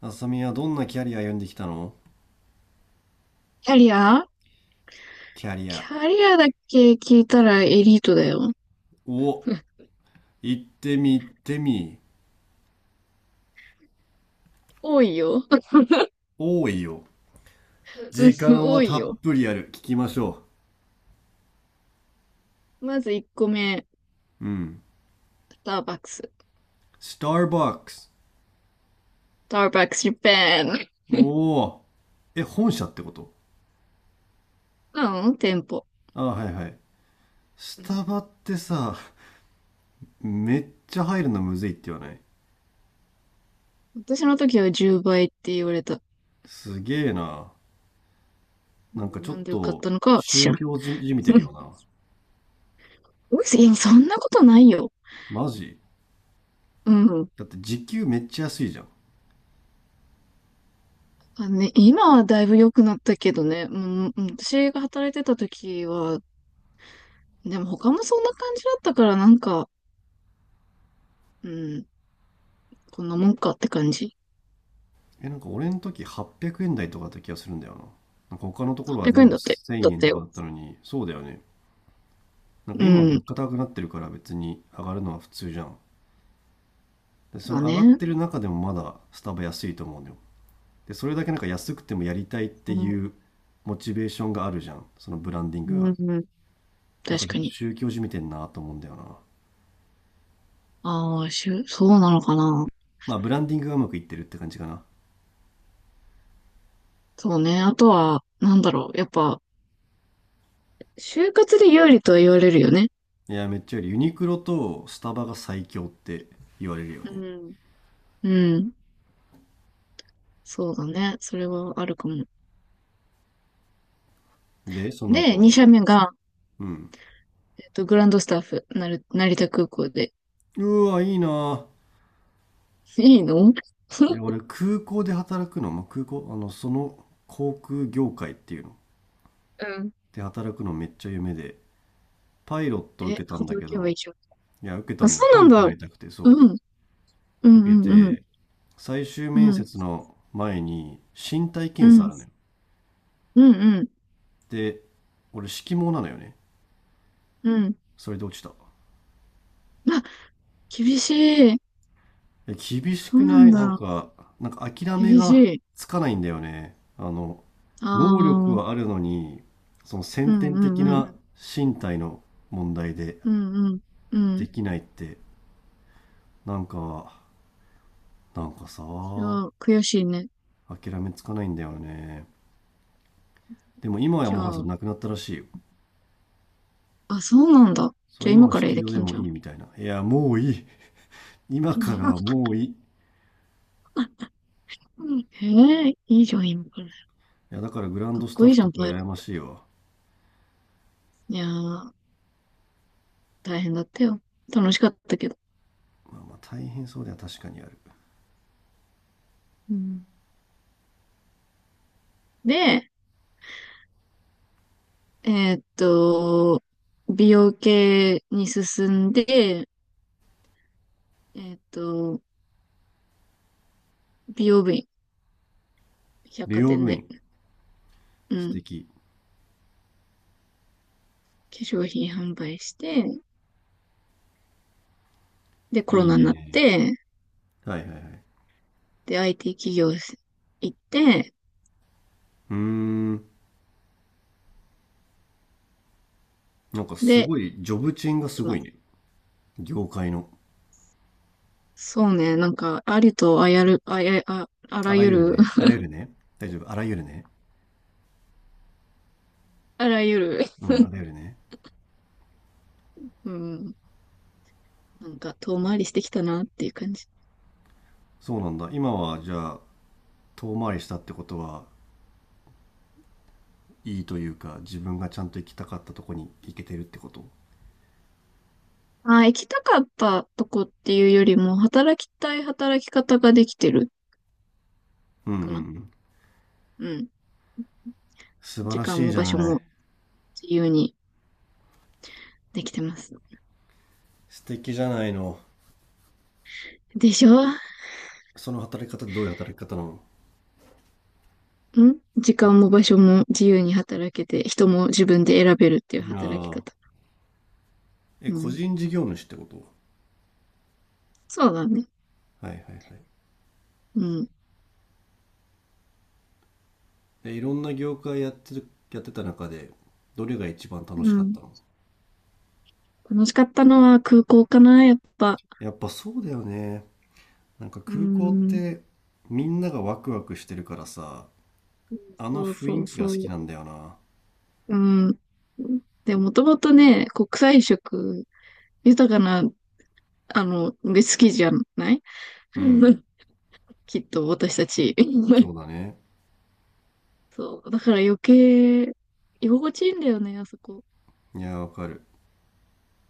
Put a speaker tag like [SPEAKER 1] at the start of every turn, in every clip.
[SPEAKER 1] あさみはどんなキャリア歩んできたの？
[SPEAKER 2] キャリア。
[SPEAKER 1] キャリ
[SPEAKER 2] キ
[SPEAKER 1] ア。
[SPEAKER 2] ャリアだけ聞いたらエリートだよ。
[SPEAKER 1] お、行ってみ行ってみ。
[SPEAKER 2] 多いよ。
[SPEAKER 1] 多いよ。
[SPEAKER 2] うん。
[SPEAKER 1] 時間
[SPEAKER 2] 多
[SPEAKER 1] は
[SPEAKER 2] い
[SPEAKER 1] たっ
[SPEAKER 2] よ。
[SPEAKER 1] ぷりある。聞きましょ
[SPEAKER 2] まず1個目、
[SPEAKER 1] う。うん。
[SPEAKER 2] スターバックス。ス
[SPEAKER 1] スターバックス。
[SPEAKER 2] ターバックスジャパン。
[SPEAKER 1] おお。え、本社ってこと？
[SPEAKER 2] なの店舗。
[SPEAKER 1] あ、はいはい。ス
[SPEAKER 2] うん。
[SPEAKER 1] タバってさ、めっちゃ入るのむずいって言わない？
[SPEAKER 2] 私の時は10倍って言われた。
[SPEAKER 1] すげえな。
[SPEAKER 2] う
[SPEAKER 1] なんか
[SPEAKER 2] ん。
[SPEAKER 1] ちょ
[SPEAKER 2] な
[SPEAKER 1] っ
[SPEAKER 2] んでよかっ
[SPEAKER 1] と
[SPEAKER 2] たのかは知
[SPEAKER 1] 宗
[SPEAKER 2] らん。
[SPEAKER 1] 教じみて
[SPEAKER 2] う
[SPEAKER 1] る
[SPEAKER 2] ん。
[SPEAKER 1] よな。
[SPEAKER 2] いやそんなことないよ。
[SPEAKER 1] マジ？
[SPEAKER 2] うん。
[SPEAKER 1] だって時給めっちゃ安いじゃん。
[SPEAKER 2] あのね、今はだいぶ良くなったけどね。うん、うん、私が働いてた時は、でも他もそんな感じだったからなんか、うん、こんなもんかって感じ。
[SPEAKER 1] え、なんか俺の時800円台とかだった気がするんだよな。なんか他のところは
[SPEAKER 2] 100
[SPEAKER 1] 全
[SPEAKER 2] 円
[SPEAKER 1] 部
[SPEAKER 2] だって、だ
[SPEAKER 1] 1000
[SPEAKER 2] っ
[SPEAKER 1] 円
[SPEAKER 2] た
[SPEAKER 1] とか
[SPEAKER 2] よ。
[SPEAKER 1] だったのに、そうだよね。なんか
[SPEAKER 2] う
[SPEAKER 1] 今物
[SPEAKER 2] ん。
[SPEAKER 1] 価高くなってるから別に上がるのは普通じゃん。で、そ
[SPEAKER 2] ま
[SPEAKER 1] の
[SPEAKER 2] あ
[SPEAKER 1] 上がっ
[SPEAKER 2] ね。
[SPEAKER 1] てる中でもまだスタバ安いと思うんだよ。で、それだけなんか安くてもやりたいって
[SPEAKER 2] うん、
[SPEAKER 1] いうモチベーションがあるじゃん。そのブランディング
[SPEAKER 2] う
[SPEAKER 1] が。
[SPEAKER 2] ん、
[SPEAKER 1] だか
[SPEAKER 2] 確
[SPEAKER 1] らちょ
[SPEAKER 2] か
[SPEAKER 1] っと
[SPEAKER 2] に。
[SPEAKER 1] 宗教じみてんなと思うんだよな。
[SPEAKER 2] ああ、そうなのかな。
[SPEAKER 1] まあブランディングがうまくいってるって感じかな。
[SPEAKER 2] そうね。あとは、なんだろう。やっぱ、就活で有利とは言われるよね。
[SPEAKER 1] いや、めっちゃよりユニクロとスタバが最強って言われるよ
[SPEAKER 2] う
[SPEAKER 1] ね。
[SPEAKER 2] ん。うん。そうだね。それはあるかも。
[SPEAKER 1] で、その
[SPEAKER 2] で、
[SPEAKER 1] 後
[SPEAKER 2] 2
[SPEAKER 1] は？
[SPEAKER 2] 社目が、
[SPEAKER 1] うん。
[SPEAKER 2] グランドスタッフ、成田空港で。
[SPEAKER 1] うわ、いいな。
[SPEAKER 2] いいの？
[SPEAKER 1] いや、俺、空港で働くの、まあ、空港、その航空業界っていうの、
[SPEAKER 2] うん。
[SPEAKER 1] で働くのめっちゃ夢で、パイロット受
[SPEAKER 2] え、
[SPEAKER 1] けたんだ
[SPEAKER 2] 働
[SPEAKER 1] け
[SPEAKER 2] けばいい
[SPEAKER 1] ど、
[SPEAKER 2] じゃん。
[SPEAKER 1] いや、受けた
[SPEAKER 2] あ、
[SPEAKER 1] の
[SPEAKER 2] そ
[SPEAKER 1] よ。パイ
[SPEAKER 2] う
[SPEAKER 1] ロットに
[SPEAKER 2] なん
[SPEAKER 1] な
[SPEAKER 2] だ。
[SPEAKER 1] りたくて、
[SPEAKER 2] う
[SPEAKER 1] そ
[SPEAKER 2] ん。う
[SPEAKER 1] う、受け
[SPEAKER 2] ん、うん、うん。
[SPEAKER 1] て、最終
[SPEAKER 2] う
[SPEAKER 1] 面
[SPEAKER 2] ん、
[SPEAKER 1] 接の前に身体
[SPEAKER 2] う
[SPEAKER 1] 検査あ
[SPEAKER 2] ん、
[SPEAKER 1] るのよ。
[SPEAKER 2] うんうん、
[SPEAKER 1] で、俺、色盲なのよね。
[SPEAKER 2] うん。
[SPEAKER 1] それで落ちた。
[SPEAKER 2] あ、厳しい。
[SPEAKER 1] え、厳し
[SPEAKER 2] そう
[SPEAKER 1] く
[SPEAKER 2] な
[SPEAKER 1] な
[SPEAKER 2] ん
[SPEAKER 1] い？なん
[SPEAKER 2] だ。
[SPEAKER 1] か、なんか諦め
[SPEAKER 2] 厳
[SPEAKER 1] が
[SPEAKER 2] しい。
[SPEAKER 1] つかないんだよね。
[SPEAKER 2] あ
[SPEAKER 1] 能力
[SPEAKER 2] あ、うん
[SPEAKER 1] はあるのに、その
[SPEAKER 2] う
[SPEAKER 1] 先天
[SPEAKER 2] ん
[SPEAKER 1] 的
[SPEAKER 2] うん。
[SPEAKER 1] な身体の問題で
[SPEAKER 2] うんうん。う
[SPEAKER 1] で
[SPEAKER 2] ん。
[SPEAKER 1] きないって、なんか、なんかさ、
[SPEAKER 2] それは悔しいね。
[SPEAKER 1] 諦めつかないんだよね。でも今は
[SPEAKER 2] じゃ
[SPEAKER 1] もはやそれ
[SPEAKER 2] あ、
[SPEAKER 1] なくなったらしいよ。
[SPEAKER 2] あ、そうなんだ。
[SPEAKER 1] そ
[SPEAKER 2] じ
[SPEAKER 1] う、
[SPEAKER 2] ゃあ
[SPEAKER 1] 今
[SPEAKER 2] 今
[SPEAKER 1] は
[SPEAKER 2] から
[SPEAKER 1] 式
[SPEAKER 2] で
[SPEAKER 1] 場で
[SPEAKER 2] きん
[SPEAKER 1] も
[SPEAKER 2] じゃ
[SPEAKER 1] い
[SPEAKER 2] ん。
[SPEAKER 1] いみたいな。いや、もういい。今からはもういい。い
[SPEAKER 2] うん、へえ、いいじゃん、今から。
[SPEAKER 1] や、だからグラン
[SPEAKER 2] かっ
[SPEAKER 1] ドス
[SPEAKER 2] こ
[SPEAKER 1] タッ
[SPEAKER 2] いい
[SPEAKER 1] フ
[SPEAKER 2] じゃ
[SPEAKER 1] と
[SPEAKER 2] ん、
[SPEAKER 1] か
[SPEAKER 2] パイロ
[SPEAKER 1] 羨
[SPEAKER 2] ッ
[SPEAKER 1] ま
[SPEAKER 2] ト。
[SPEAKER 1] しいわ。
[SPEAKER 2] いやー、大変だったよ。楽しかったけど。
[SPEAKER 1] まあまあ大変そうでは確かにある。
[SPEAKER 2] うん。で、えーっと、美容系に進んで、えーっと、美容部員、百
[SPEAKER 1] 美
[SPEAKER 2] 貨
[SPEAKER 1] 容
[SPEAKER 2] 店
[SPEAKER 1] 部
[SPEAKER 2] で、
[SPEAKER 1] 員、
[SPEAKER 2] う
[SPEAKER 1] 素
[SPEAKER 2] ん、
[SPEAKER 1] 敵。
[SPEAKER 2] 化粧品販売して、で、コロ
[SPEAKER 1] いい
[SPEAKER 2] ナになっ
[SPEAKER 1] ね。
[SPEAKER 2] て、
[SPEAKER 1] はいはいはい。
[SPEAKER 2] で、IT 企業行って、
[SPEAKER 1] うーん。なんかす
[SPEAKER 2] で、
[SPEAKER 1] ごい、ジョブチェーンがすご
[SPEAKER 2] 今、
[SPEAKER 1] いね。業界の。
[SPEAKER 2] そうね、なんか、ありとあやる、あや、あ、あ
[SPEAKER 1] あ
[SPEAKER 2] ら
[SPEAKER 1] ら
[SPEAKER 2] ゆ
[SPEAKER 1] ゆる
[SPEAKER 2] る、
[SPEAKER 1] ね。あ らゆるね。大丈夫。あらゆるね。
[SPEAKER 2] あらゆる、
[SPEAKER 1] うん、あらゆるね。
[SPEAKER 2] うん、なんか、遠回りしてきたなっていう感じ。
[SPEAKER 1] そうなんだ。今はじゃあ、遠回りしたってことは、いいというか、自分がちゃんと行きたかったとこに行けてるってこと？
[SPEAKER 2] あー、行きたかったとこっていうよりも、働きたい働き方ができてる
[SPEAKER 1] うんうんう
[SPEAKER 2] かな。
[SPEAKER 1] ん。
[SPEAKER 2] うん。
[SPEAKER 1] 素晴
[SPEAKER 2] 時
[SPEAKER 1] ら
[SPEAKER 2] 間
[SPEAKER 1] しい
[SPEAKER 2] も
[SPEAKER 1] じ
[SPEAKER 2] 場
[SPEAKER 1] ゃ
[SPEAKER 2] 所
[SPEAKER 1] ない。
[SPEAKER 2] も自由にできてます。
[SPEAKER 1] 素敵じゃないの。
[SPEAKER 2] でしょ？
[SPEAKER 1] その働き方どういう働き方なの？
[SPEAKER 2] 時間も場所も自由に働けて、人も自分で選べるっていう
[SPEAKER 1] あ
[SPEAKER 2] 働き
[SPEAKER 1] あ。
[SPEAKER 2] 方。
[SPEAKER 1] え、
[SPEAKER 2] う
[SPEAKER 1] 個
[SPEAKER 2] ん。
[SPEAKER 1] 人事業主ってこと？
[SPEAKER 2] そうだね。
[SPEAKER 1] はいはいはい。
[SPEAKER 2] うん。
[SPEAKER 1] え、いろんな業界やってる、やってた中で、どれが一番楽
[SPEAKER 2] う
[SPEAKER 1] しかっ
[SPEAKER 2] ん、
[SPEAKER 1] たの？
[SPEAKER 2] 楽しかったのは空港かな、やっぱ。
[SPEAKER 1] やっぱそうだよね。なんか
[SPEAKER 2] う
[SPEAKER 1] 空港っ
[SPEAKER 2] ん、
[SPEAKER 1] てみんながワクワクしてるからさ、あの
[SPEAKER 2] そう
[SPEAKER 1] 雰
[SPEAKER 2] そ
[SPEAKER 1] 囲
[SPEAKER 2] う
[SPEAKER 1] 気が
[SPEAKER 2] そ
[SPEAKER 1] 好き
[SPEAKER 2] う。
[SPEAKER 1] なんだよな。
[SPEAKER 2] うん。で、もともとね、国際色、豊かな、あの、で好きじゃない？
[SPEAKER 1] う
[SPEAKER 2] う
[SPEAKER 1] ん、
[SPEAKER 2] ん、 きっと私たち。
[SPEAKER 1] そ うだね。
[SPEAKER 2] そう。だから余計、居心地いいんだよね、あそこ。
[SPEAKER 1] いや、わかる。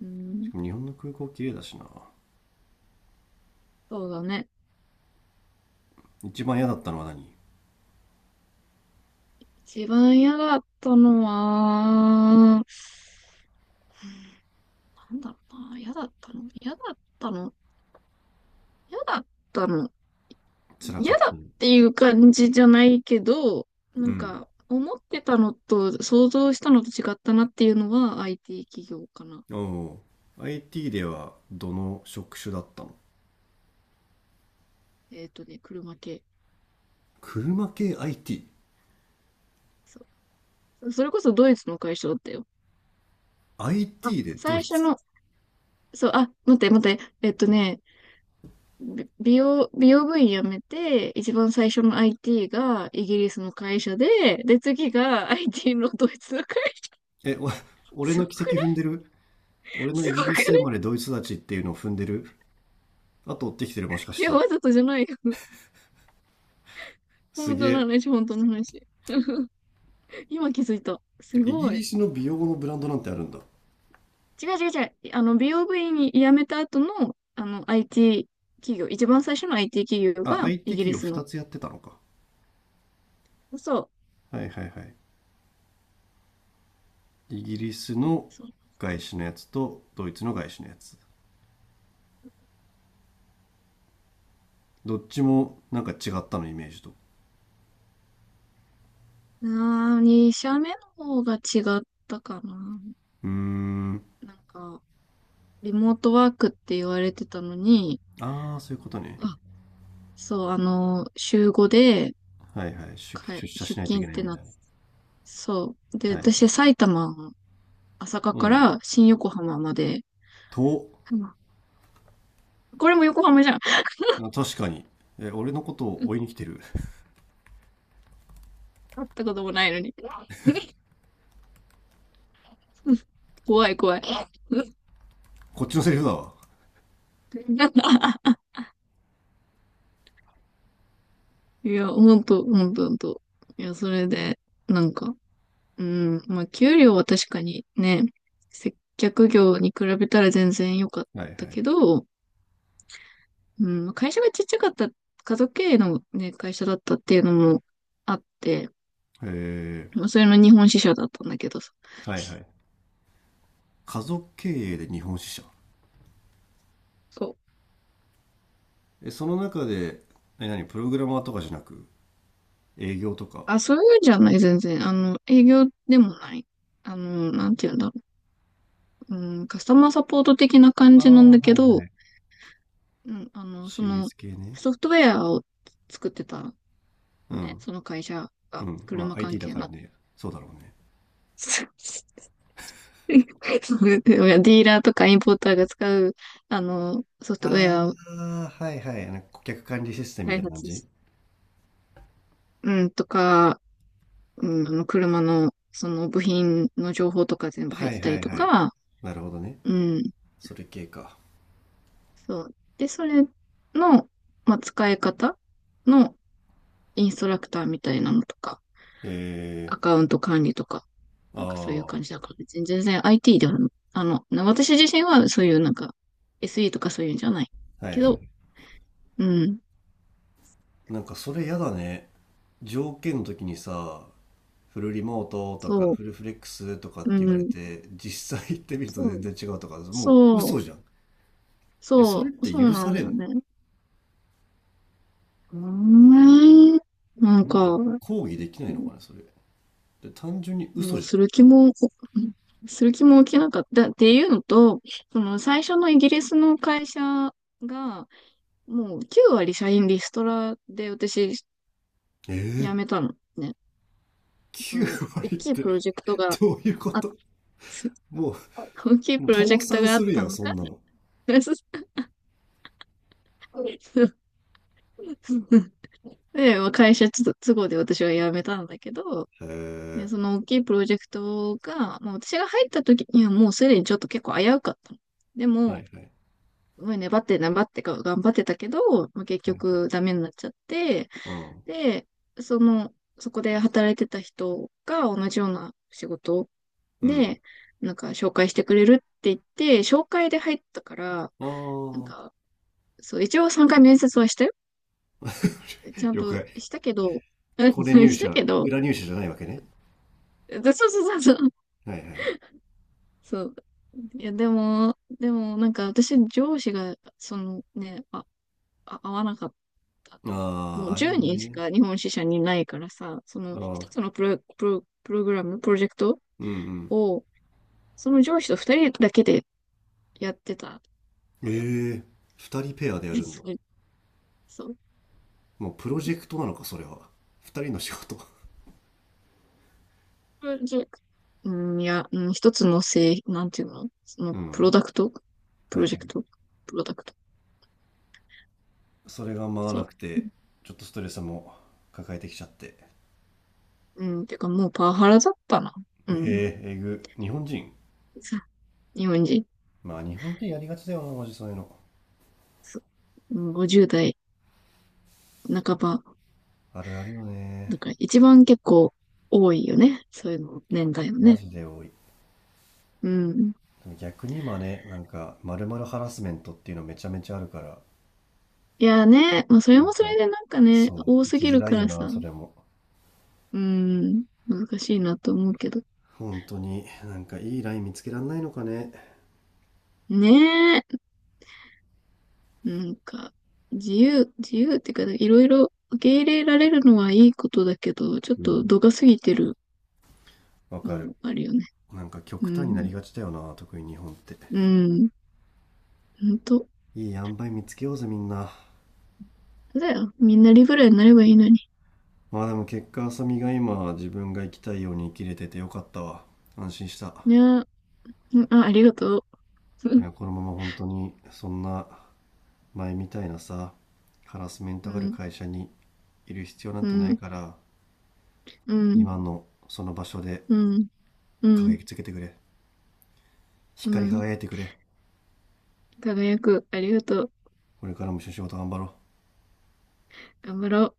[SPEAKER 2] う
[SPEAKER 1] し
[SPEAKER 2] ん。
[SPEAKER 1] かも日本の空港綺麗だしな。
[SPEAKER 2] そうだね。
[SPEAKER 1] 一番嫌だったのは何？
[SPEAKER 2] 一番嫌だったのは、なんだろうな、嫌だったの
[SPEAKER 1] 辛か
[SPEAKER 2] 嫌
[SPEAKER 1] っ
[SPEAKER 2] だ
[SPEAKER 1] た
[SPEAKER 2] っ
[SPEAKER 1] の？
[SPEAKER 2] ていう感じじゃないけど、な
[SPEAKER 1] う
[SPEAKER 2] ん
[SPEAKER 1] ん。
[SPEAKER 2] か、思ってたのと、想像したのと違ったなっていうのは IT 企業かな。
[SPEAKER 1] おお。IT ではどの職種だったの？
[SPEAKER 2] 車系。
[SPEAKER 1] 車系 IT。
[SPEAKER 2] そう。それこそドイツの会社だったよ。あ、
[SPEAKER 1] IT でド
[SPEAKER 2] 最
[SPEAKER 1] イ
[SPEAKER 2] 初
[SPEAKER 1] ツ。
[SPEAKER 2] の、そう、あ、待って待って、び美容、美容部員辞めて、一番最初の IT がイギリスの会社で、で、次が IT のドイツの会社。
[SPEAKER 1] え、お、俺
[SPEAKER 2] す
[SPEAKER 1] の
[SPEAKER 2] ご
[SPEAKER 1] 軌
[SPEAKER 2] くない？
[SPEAKER 1] 跡踏んでる？俺の
[SPEAKER 2] す
[SPEAKER 1] イギ
[SPEAKER 2] ご
[SPEAKER 1] リ
[SPEAKER 2] くな
[SPEAKER 1] ス生
[SPEAKER 2] い？
[SPEAKER 1] まれドイツ育ちっていうのを踏んでる？後追ってきてるもしか
[SPEAKER 2] い
[SPEAKER 1] し
[SPEAKER 2] や、
[SPEAKER 1] て？
[SPEAKER 2] わざとじゃないよ。
[SPEAKER 1] す
[SPEAKER 2] 本
[SPEAKER 1] げ
[SPEAKER 2] 当の
[SPEAKER 1] え。
[SPEAKER 2] 話、本当の話。今気づいた。
[SPEAKER 1] て
[SPEAKER 2] す
[SPEAKER 1] イギ
[SPEAKER 2] ごい。
[SPEAKER 1] リスの美容のブランドなんてあるんだ。
[SPEAKER 2] 違う違う違う。あの、美容部に辞めた後の、あの、IT 企業、一番最初の IT 企業
[SPEAKER 1] あ、
[SPEAKER 2] が
[SPEAKER 1] IT
[SPEAKER 2] イギ
[SPEAKER 1] 企
[SPEAKER 2] リ
[SPEAKER 1] 業
[SPEAKER 2] スの。
[SPEAKER 1] 2つやってたのか。
[SPEAKER 2] そう。
[SPEAKER 1] はいはいはい。イギリスの
[SPEAKER 2] そう。
[SPEAKER 1] 外資のやつとドイツの外資のやつ。どっちもなんか違ったのイメージと？
[SPEAKER 2] あー、2社目の方が違ったかな。
[SPEAKER 1] うーん。
[SPEAKER 2] なんか、リモートワークって言われてたのに、
[SPEAKER 1] ああ、そういうことね。
[SPEAKER 2] あ、そう、あの、週5で
[SPEAKER 1] はいはい。出社
[SPEAKER 2] 出
[SPEAKER 1] しないとい
[SPEAKER 2] 勤
[SPEAKER 1] け
[SPEAKER 2] っ
[SPEAKER 1] ない
[SPEAKER 2] て
[SPEAKER 1] み
[SPEAKER 2] なっ
[SPEAKER 1] たい
[SPEAKER 2] て、そう。で、
[SPEAKER 1] な。はいは
[SPEAKER 2] 私、
[SPEAKER 1] い。
[SPEAKER 2] 埼玉、朝霞
[SPEAKER 1] う
[SPEAKER 2] か
[SPEAKER 1] ん。
[SPEAKER 2] ら新横浜まで、
[SPEAKER 1] と、
[SPEAKER 2] うん、これも横浜じゃん。
[SPEAKER 1] あ確かに。え、俺のことを追いに来 てる？
[SPEAKER 2] 会ったこともないのに。うん、怖い怖い。
[SPEAKER 1] こっちのセリフだわ。
[SPEAKER 2] いや、ほんと、ほんと、ほんと。いや、それで、なんか、うん、まあ、給料は確かにね、接客業に比べたら全然良かっ
[SPEAKER 1] はいは
[SPEAKER 2] た
[SPEAKER 1] い。
[SPEAKER 2] けど、うん、会社がちっちゃかった、家族経営のね、会社だったっていうのもあって、
[SPEAKER 1] へえ、
[SPEAKER 2] まあ、それの日本支社だったんだけどさ。
[SPEAKER 1] はいはい。家族経営で日本支社。
[SPEAKER 2] そう。
[SPEAKER 1] え、その中で、え、何、プログラマーとかじゃなく営業とか、
[SPEAKER 2] あ、そういうんじゃない、全然。あの、営業でもない。あの、なんて言うんだろう。うん、カスタマーサポート的な感
[SPEAKER 1] あ
[SPEAKER 2] じなん
[SPEAKER 1] あ、
[SPEAKER 2] だけ
[SPEAKER 1] はいは
[SPEAKER 2] ど、
[SPEAKER 1] い。
[SPEAKER 2] うん、あの、その、
[SPEAKER 1] CS 系ね。
[SPEAKER 2] ソフトウェアを作ってたの
[SPEAKER 1] う
[SPEAKER 2] ね、
[SPEAKER 1] ん、
[SPEAKER 2] その会社
[SPEAKER 1] う
[SPEAKER 2] が、
[SPEAKER 1] ん。まあ
[SPEAKER 2] 車関
[SPEAKER 1] IT だ
[SPEAKER 2] 係
[SPEAKER 1] から
[SPEAKER 2] の。
[SPEAKER 1] ね、そうだろうね。
[SPEAKER 2] そうそう、ディーラーとかインポーターが使う、あの、ソフトウェ
[SPEAKER 1] あ
[SPEAKER 2] アを
[SPEAKER 1] あ、はいはい。なんか顧客管理システムみ
[SPEAKER 2] 開
[SPEAKER 1] たいな感
[SPEAKER 2] 発し、
[SPEAKER 1] じ？
[SPEAKER 2] うん、とか、うん、あの、車の、その部品の情報とか全部入っ
[SPEAKER 1] は
[SPEAKER 2] て
[SPEAKER 1] い
[SPEAKER 2] た
[SPEAKER 1] は
[SPEAKER 2] り
[SPEAKER 1] い
[SPEAKER 2] と
[SPEAKER 1] はい。
[SPEAKER 2] か、
[SPEAKER 1] なるほどね。
[SPEAKER 2] うん、
[SPEAKER 1] それ系か。
[SPEAKER 2] そう。で、それの、まあ、使い方のインストラクターみたいなのとか、
[SPEAKER 1] え
[SPEAKER 2] アカウント管理とか、
[SPEAKER 1] あ
[SPEAKER 2] なんかそうい
[SPEAKER 1] あ、
[SPEAKER 2] う
[SPEAKER 1] は
[SPEAKER 2] 感じだから、全然 IT では、あの、私自身はそういうなんか SE とかそういうんじゃない
[SPEAKER 1] いは
[SPEAKER 2] けど、
[SPEAKER 1] い。
[SPEAKER 2] うん、
[SPEAKER 1] なんかそれやだね。条件の時にさ、フルリモートとか
[SPEAKER 2] そ
[SPEAKER 1] フルフレックスとかっ
[SPEAKER 2] う、
[SPEAKER 1] て
[SPEAKER 2] う
[SPEAKER 1] 言われ
[SPEAKER 2] ん、
[SPEAKER 1] て、実際行ってみると
[SPEAKER 2] そ
[SPEAKER 1] 全
[SPEAKER 2] う、
[SPEAKER 1] 然違うとか、もう
[SPEAKER 2] そう、
[SPEAKER 1] 嘘じゃん。いや、それっ
[SPEAKER 2] そう、
[SPEAKER 1] て
[SPEAKER 2] そう
[SPEAKER 1] 許
[SPEAKER 2] な
[SPEAKER 1] さ
[SPEAKER 2] んだ
[SPEAKER 1] れん
[SPEAKER 2] よ
[SPEAKER 1] の？
[SPEAKER 2] ね。うーん、なん
[SPEAKER 1] なんか
[SPEAKER 2] か、
[SPEAKER 1] 抗議できないのかね、それ。で単純に
[SPEAKER 2] も
[SPEAKER 1] 嘘
[SPEAKER 2] う
[SPEAKER 1] じ
[SPEAKER 2] する気も起きなかったっていうのと、その最初のイギリスの会社が、もう9割社員リストラで私
[SPEAKER 1] ゃ
[SPEAKER 2] 辞
[SPEAKER 1] ん。え
[SPEAKER 2] め
[SPEAKER 1] え、
[SPEAKER 2] たのね。その、大
[SPEAKER 1] 9割っ
[SPEAKER 2] きい
[SPEAKER 1] て
[SPEAKER 2] プロジェクトが
[SPEAKER 1] どういうこ
[SPEAKER 2] あっ、
[SPEAKER 1] と？ も
[SPEAKER 2] 大きい
[SPEAKER 1] う、もう
[SPEAKER 2] プロ
[SPEAKER 1] 倒
[SPEAKER 2] ジェクト
[SPEAKER 1] 産
[SPEAKER 2] があ
[SPEAKER 1] す
[SPEAKER 2] っ
[SPEAKER 1] る
[SPEAKER 2] た
[SPEAKER 1] やん、
[SPEAKER 2] の
[SPEAKER 1] そ
[SPEAKER 2] か？
[SPEAKER 1] んなの。
[SPEAKER 2] で、まあ会社都合で私は辞めたんだけど、
[SPEAKER 1] へ
[SPEAKER 2] で、
[SPEAKER 1] え。
[SPEAKER 2] その大きいプロジェクトが、まあ、私が入った時にはもうすでにちょっと結構危うかったの。で
[SPEAKER 1] は
[SPEAKER 2] も、
[SPEAKER 1] いはい。
[SPEAKER 2] すごい粘って粘って頑張ってたけど、まあ、結
[SPEAKER 1] はい、
[SPEAKER 2] 局ダメになっちゃって、
[SPEAKER 1] うん。
[SPEAKER 2] で、その、そこで働いてた人が同じような仕事
[SPEAKER 1] うん。
[SPEAKER 2] で、なんか紹介してくれるって言って、紹介で入ったから、
[SPEAKER 1] あ
[SPEAKER 2] なん
[SPEAKER 1] あ、
[SPEAKER 2] か、そう、一応3回面接はしたよ。ちゃん
[SPEAKER 1] 了
[SPEAKER 2] と
[SPEAKER 1] 解。
[SPEAKER 2] したけど、うん、
[SPEAKER 1] これ入
[SPEAKER 2] した
[SPEAKER 1] 社、
[SPEAKER 2] けど、
[SPEAKER 1] 裏入社じゃないわけね？
[SPEAKER 2] そうそうそうそう。
[SPEAKER 1] はいはい。
[SPEAKER 2] そう。いや、でも、なんか私、上司が、そのね、合わなかった。
[SPEAKER 1] あ
[SPEAKER 2] も
[SPEAKER 1] あ、
[SPEAKER 2] う
[SPEAKER 1] ある
[SPEAKER 2] 10
[SPEAKER 1] よ
[SPEAKER 2] 人し
[SPEAKER 1] ね。
[SPEAKER 2] か日本支社にいないからさ、その
[SPEAKER 1] あ
[SPEAKER 2] 一
[SPEAKER 1] あ、
[SPEAKER 2] つのプロ、プロ、プログラム、プロジェクト
[SPEAKER 1] うんうん。
[SPEAKER 2] を、その上司と2人だけでやってた
[SPEAKER 1] え
[SPEAKER 2] のよ。
[SPEAKER 1] え、二人ペアでやるんだ。
[SPEAKER 2] そう。
[SPEAKER 1] もうプロジェクトなのか、それは。二人の仕事。
[SPEAKER 2] うん、うん、いや、うん、一つの製、なんていうのその、
[SPEAKER 1] う
[SPEAKER 2] プ
[SPEAKER 1] ん。は
[SPEAKER 2] ロダクト
[SPEAKER 1] い
[SPEAKER 2] プ
[SPEAKER 1] は
[SPEAKER 2] ロジェク
[SPEAKER 1] い。
[SPEAKER 2] トプロダクト。
[SPEAKER 1] それが回らな
[SPEAKER 2] そ
[SPEAKER 1] く
[SPEAKER 2] う。
[SPEAKER 1] て、ちょっとストレスも抱えてきちゃって。
[SPEAKER 2] うん、てかもうパワハラだったな。うん。
[SPEAKER 1] えええぐ。日本人。
[SPEAKER 2] さ日本人。
[SPEAKER 1] まあ日本人やりがちだよな、マジそういうの。
[SPEAKER 2] そう、うん、50代半ば。
[SPEAKER 1] あるあるよね。
[SPEAKER 2] だから一番結構多いよね。そういうの、年代の
[SPEAKER 1] マ
[SPEAKER 2] ね。
[SPEAKER 1] ジで多い。
[SPEAKER 2] うん。
[SPEAKER 1] でも逆に今ね、なんか、まるまるハラスメントっていうのめちゃめちゃあるから、
[SPEAKER 2] いやね、まあそれ
[SPEAKER 1] なん
[SPEAKER 2] もそ
[SPEAKER 1] か、
[SPEAKER 2] れでなんかね、
[SPEAKER 1] そ
[SPEAKER 2] 多
[SPEAKER 1] う、生
[SPEAKER 2] す
[SPEAKER 1] き
[SPEAKER 2] ぎ
[SPEAKER 1] づ
[SPEAKER 2] る
[SPEAKER 1] ら
[SPEAKER 2] か
[SPEAKER 1] いよ
[SPEAKER 2] ら
[SPEAKER 1] な、
[SPEAKER 2] さ、
[SPEAKER 1] それも。
[SPEAKER 2] うん、難しいなと思うけど。
[SPEAKER 1] 本当に、なんかいいライン見つけらんないのかね。
[SPEAKER 2] ねえ。なんか、自由っていうか、いろいろ受け入れられるのはいいことだけど、ちょっ
[SPEAKER 1] う
[SPEAKER 2] と
[SPEAKER 1] ん。
[SPEAKER 2] 度が過ぎてる
[SPEAKER 1] わか
[SPEAKER 2] の
[SPEAKER 1] る。
[SPEAKER 2] もあるよね。
[SPEAKER 1] なんか
[SPEAKER 2] う
[SPEAKER 1] 極端になり
[SPEAKER 2] ん。
[SPEAKER 1] がちだよな、特に日本って。
[SPEAKER 2] うん。ほんと。
[SPEAKER 1] いい塩梅見つけようぜ、みんな。
[SPEAKER 2] だよ。みんなリブラになればいいのに。
[SPEAKER 1] まあでも結果、浅見が今、自分が生きたいように生きれててよかったわ。安心した。
[SPEAKER 2] いやー、うん、あ、ありがとう。う
[SPEAKER 1] い
[SPEAKER 2] ん。
[SPEAKER 1] や、このまま本当にそんな前みたいなさ、ハラスメン
[SPEAKER 2] う
[SPEAKER 1] トがある
[SPEAKER 2] ん。
[SPEAKER 1] 会社にいる必要なん
[SPEAKER 2] う
[SPEAKER 1] てない
[SPEAKER 2] ん。
[SPEAKER 1] から、
[SPEAKER 2] うん。
[SPEAKER 1] 今のその場所で
[SPEAKER 2] う
[SPEAKER 1] 輝
[SPEAKER 2] ん。
[SPEAKER 1] きつけてくれ。
[SPEAKER 2] う
[SPEAKER 1] 光り
[SPEAKER 2] ん。
[SPEAKER 1] 輝いてくれ。
[SPEAKER 2] 輝く。ありがとう。
[SPEAKER 1] これからも一緒に仕事頑張ろう。
[SPEAKER 2] 頑張ろ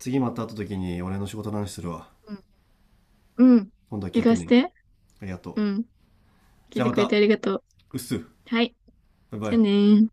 [SPEAKER 1] 次また会った時に俺の仕事の話するわ。
[SPEAKER 2] う。うん。うん。
[SPEAKER 1] 今度は聞いて
[SPEAKER 2] 怪し
[SPEAKER 1] ね。
[SPEAKER 2] て。
[SPEAKER 1] ありが
[SPEAKER 2] う
[SPEAKER 1] と
[SPEAKER 2] ん。
[SPEAKER 1] う。
[SPEAKER 2] 聞
[SPEAKER 1] じ
[SPEAKER 2] い
[SPEAKER 1] ゃあ
[SPEAKER 2] て
[SPEAKER 1] ま
[SPEAKER 2] くれ
[SPEAKER 1] た。
[SPEAKER 2] てありがとう。
[SPEAKER 1] うっす。
[SPEAKER 2] はい。
[SPEAKER 1] バイバ
[SPEAKER 2] じゃあね
[SPEAKER 1] イ。
[SPEAKER 2] ー。